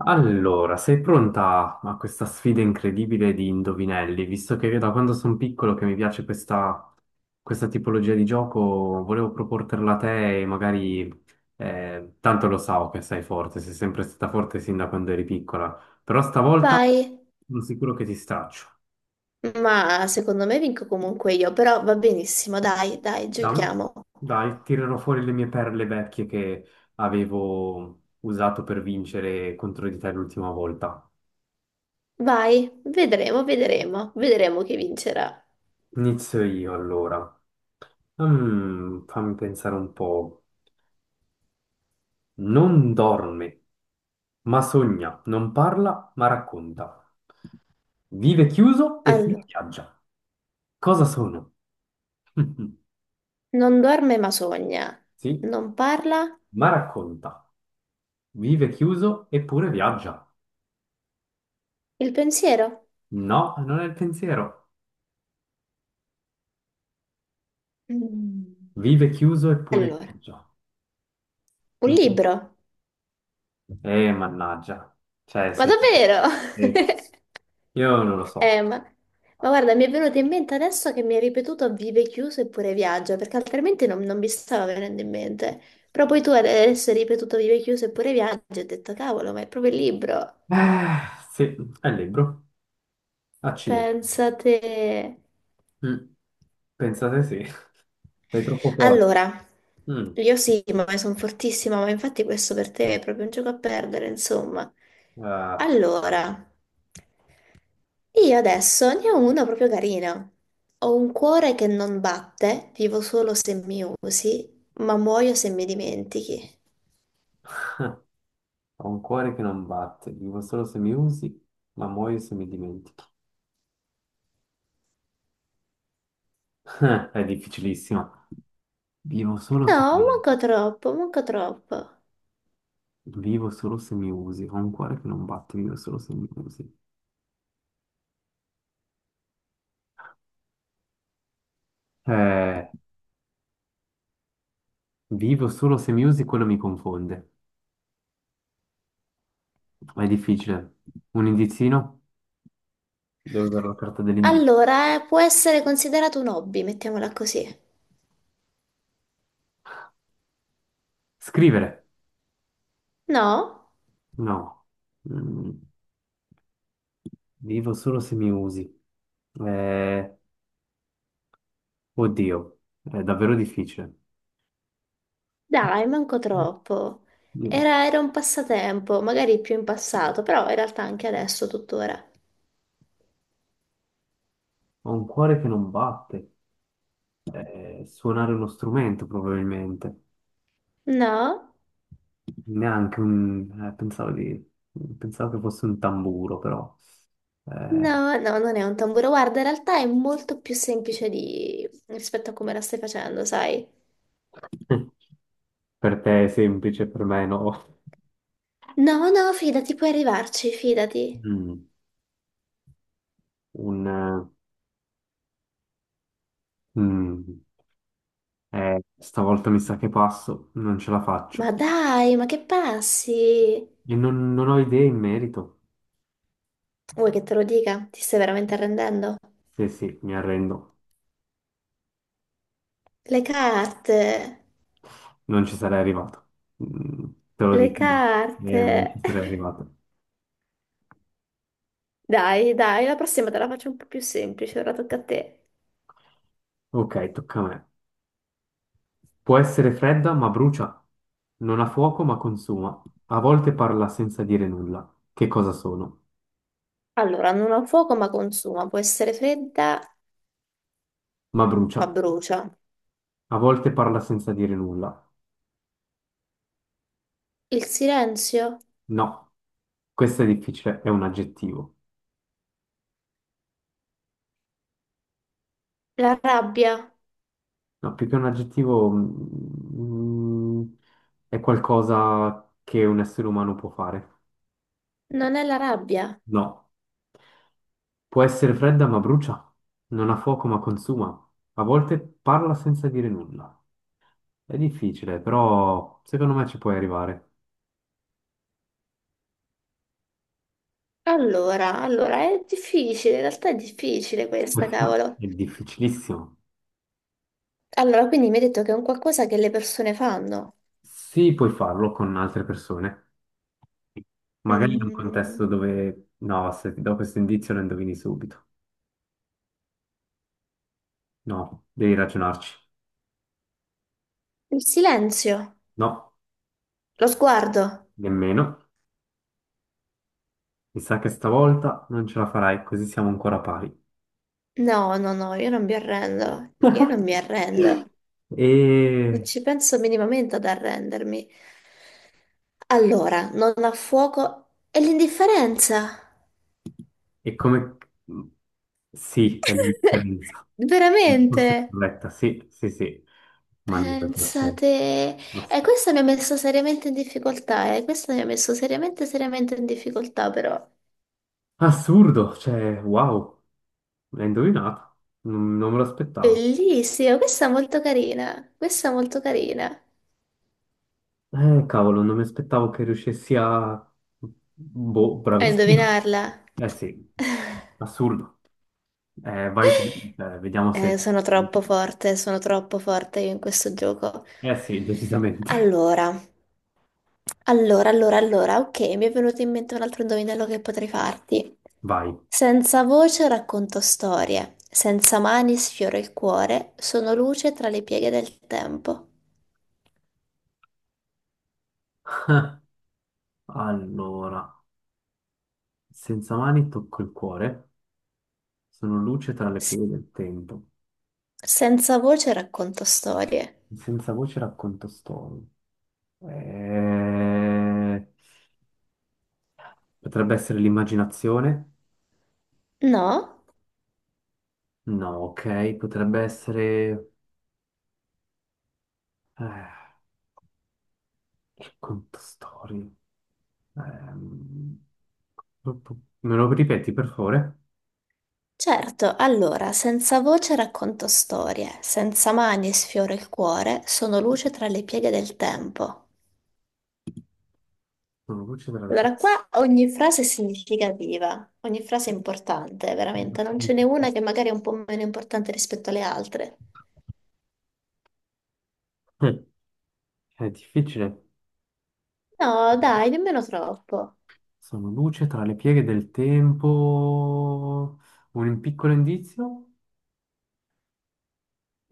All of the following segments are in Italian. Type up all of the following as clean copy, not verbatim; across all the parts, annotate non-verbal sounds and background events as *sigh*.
Allora, sei pronta a questa sfida incredibile di indovinelli? Visto che da quando sono piccolo che mi piace questa tipologia di gioco, volevo proporterla a te e magari, tanto lo so che sei forte, sei sempre stata forte sin da quando eri piccola, però stavolta Vai, sono sicuro che ti straccio. ma secondo me vinco comunque io, però va benissimo, dai, dai, Dai, giochiamo. dai, tirerò fuori le mie perle vecchie che avevo usato per vincere contro di te l'ultima volta. Vai, vedremo, vedremo, vedremo chi vincerà. Inizio io allora. Mm, fammi pensare un po'. Non dorme, ma sogna, non parla, ma racconta. Vive chiuso e poi Allora, viaggia. Cosa sono? *laughs* non dorme ma sogna, Sì, non parla ma racconta. Vive chiuso eppure viaggia. il pensiero. No, non è il pensiero. Mm. Vive chiuso eppure Allora, viaggia. un Mm. libro, Mannaggia. Cioè, ma sei... davvero? *laughs* eh, Io non lo so. Eh, ma, ma guarda, mi è venuto in mente adesso che mi hai ripetuto vive chiuso eppure viaggia, perché altrimenti non mi stava venendo in mente. Però poi tu adesso hai ripetuto vive chiuso eppure viaggia e ho detto, cavolo, ma è proprio il libro. Eh, sì, è il libro. Accidenti. Pensate. Mm, pensate sì, *laughs* sei troppo forte. Allora, Mm, io sì, ma sono fortissima, ma infatti questo per te è proprio un gioco a perdere, insomma. ah, Allora. Io adesso ne ho uno proprio carino. Ho un cuore che non batte, vivo solo se mi usi, ma muoio se mi dimentichi. ho un cuore che non batte, vivo solo se mi usi, ma muoio se mi dimentichi. *laughs* È difficilissimo. Vivo solo se No, mi, manco troppo, manco troppo. vivo solo se mi usi, ho un cuore che non batte, vivo solo se mi usi. Eh, vivo solo se mi usi, quello mi confonde. È difficile. Un indizino? Devo usare la carta dell'indizio. Allora, può essere considerato un hobby, mettiamola così. Scrivere? No? No. Mm, vivo solo se mi usi. Eh, Oddio, è davvero difficile. Dai, manco troppo. So. Era un passatempo, magari più in passato, però in realtà anche adesso, tuttora. Ho un cuore che non batte. Suonare uno strumento probabilmente. No? Neanche un... pensavo di... pensavo che fosse un tamburo, però... eh, No, no, non è un tamburo. Guarda, in realtà è molto più semplice di rispetto a come la stai facendo, sai? *laughs* per te è semplice, per me no. No, no, fidati, puoi arrivarci, fidati. Mm, un, eh, mm, stavolta mi sa che passo, non ce la Ma faccio. dai, ma che passi? E non ho idee in merito. Vuoi che te lo dica? Ti stai veramente arrendendo? Sì, sì, mi arrendo. Le carte, Non ci sarei arrivato. Mm, te lo le dico, carte. Non ci *laughs* sarei arrivato. Dai, dai, la prossima te la faccio un po' più semplice, ora tocca a te. Ok, tocca a me. Può essere fredda ma brucia, non ha fuoco ma consuma, a volte parla senza dire nulla. Che cosa sono? Allora, non ha fuoco ma consuma, può essere fredda Ma brucia, ma brucia. a volte parla senza dire nulla. Il silenzio? No, questo è difficile, è un aggettivo. La rabbia? No, più che un aggettivo, è qualcosa che un essere umano può fare. Non è la rabbia. No. Può essere fredda ma brucia, non ha fuoco ma consuma, a volte parla senza dire nulla. È difficile, però secondo me ci puoi arrivare. Allora, allora, è difficile, in realtà è difficile *laughs* questa, Questa cavolo. è difficilissimo. Allora, quindi mi hai detto che è un qualcosa che le persone fanno. Sì, puoi farlo con altre persone, magari in un Mm, contesto dove... No, se ti do questo indizio lo indovini subito. No, devi ragionarci. il silenzio, No, lo sguardo. nemmeno. Mi sa che stavolta non ce la farai, così siamo ancora pari. No, no, no, io non mi arrendo. Io non mi arrendo. *laughs* E Non ci penso minimamente ad arrendermi. Allora, non ha fuoco è l'indifferenza. e come... Sì, è *laughs* l'indipendenza. Risposta Veramente? corretta, sì, sì, sì. Mannaggia, eh. Pensate. Ass- E questo mi ha messo seriamente in difficoltà, eh. Questo mi ha messo seriamente, seriamente in difficoltà, però. Assurdo, cioè, wow, l'hai indovinato. Non me lo aspettavo. Bellissima, questa è molto carina, questa è molto carina. Cavolo, non mi aspettavo che riuscissi a... Boh, A bravissimo. indovinarla. Eh sì, *laughs* assurdo. Vai tu, vediamo se... sono troppo forte io in questo gioco. Eh sì, decisamente. Allora, allora, allora, allora, ok, mi è venuto in mente un altro indovinello che potrei farti. Vai. Senza voce racconto storie, senza mani sfioro il cuore, sono luce tra le pieghe del tempo. Allora, senza mani tocco il cuore. Sono luce tra le S- pieghe del tempo. Senza voce racconto storie. Senza voce racconto storie. Eh, Potrebbe essere l'immaginazione? No? No, ok. Potrebbe essere... eh, racconto storie. Ehm, Me lo ripeti, per favore? Certo, allora, senza voce racconto storie, senza mani sfioro il cuore, sono luce tra le pieghe del tempo. Sono luce tra le Allora, pieghe... qua ogni frase è significativa, ogni frase è importante, veramente, non ce n'è una che magari è un po' meno importante rispetto alle altre. Eh, *laughs* è difficile. No, dai, nemmeno troppo. Sono luce tra le pieghe del tempo. Un piccolo indizio?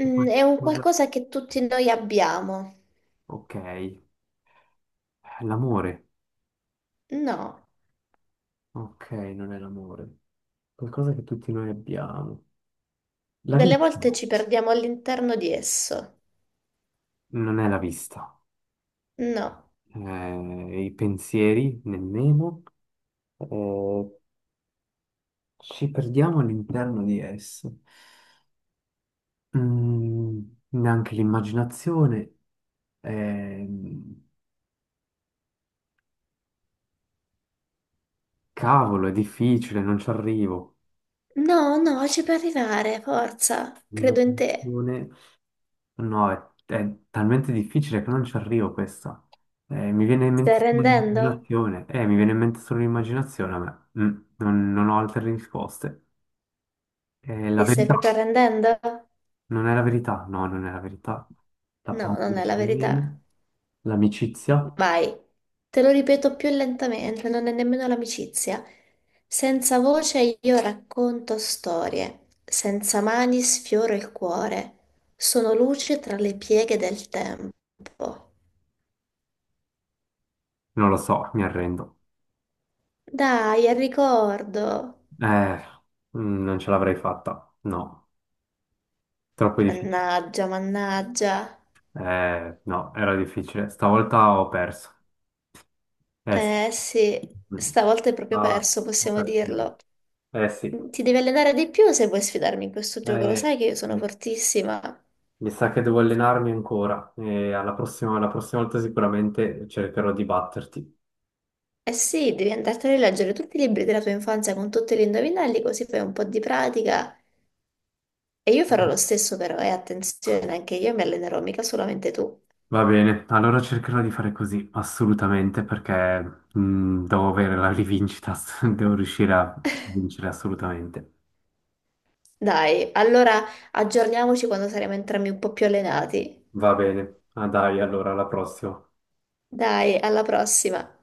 È Mm, è un qualcosa... qualcosa che tutti noi abbiamo. Ok. L'amore. No, Ok, non è l'amore. Qualcosa che tutti noi abbiamo. La delle vista. volte ci perdiamo all'interno di esso. Non è la vista. No, I pensieri, nemmeno. Eh, ci perdiamo all'interno di esse. Mm, neanche l'immaginazione. Ehm, cavolo, è difficile, non ci arrivo. no, no, ci puoi arrivare, forza, credo in te. L'immaginazione. No, è talmente difficile che non ci arrivo questa. Mi viene in Stai mente solo arrendendo? l'immaginazione. Mi viene in mente solo l'immaginazione a me. Mm, non ho altre risposte. La Ti stai proprio verità. arrendendo? Non è la verità. No, non è la verità. La No, paura non è la non verità. viene. L'amicizia? Vai. Te lo ripeto più lentamente, non è nemmeno l'amicizia. Senza voce io racconto storie, senza mani sfioro il cuore. Sono luce tra le pieghe del tempo. Non lo so, mi arrendo. Dai, al ricordo. Eh, non ce l'avrei fatta. No, troppo difficile. Mannaggia, mannaggia. No, era difficile. Stavolta ho perso. Eh sì. Eh sì, Mm. stavolta è proprio Ah, perso, ho possiamo perso. dirlo. Eh sì, Ti devi allenare di più se vuoi sfidarmi in questo gioco, lo eh, sai che io sono fortissima. mi sa che devo allenarmi ancora e alla prossima volta sicuramente cercherò di batterti. Eh sì, devi andartene a leggere tutti i libri della tua infanzia con tutti gli indovinelli, così fai un po' di pratica. E io farò lo stesso però, e attenzione, anche io mi allenerò, mica solamente tu. Va bene, allora cercherò di fare così, assolutamente, perché devo avere la rivincita, *laughs* devo riuscire a vincere assolutamente. Dai, allora aggiorniamoci quando saremo entrambi un po' più allenati. Va bene, ah, dai, allora alla prossima. Dai, alla prossima.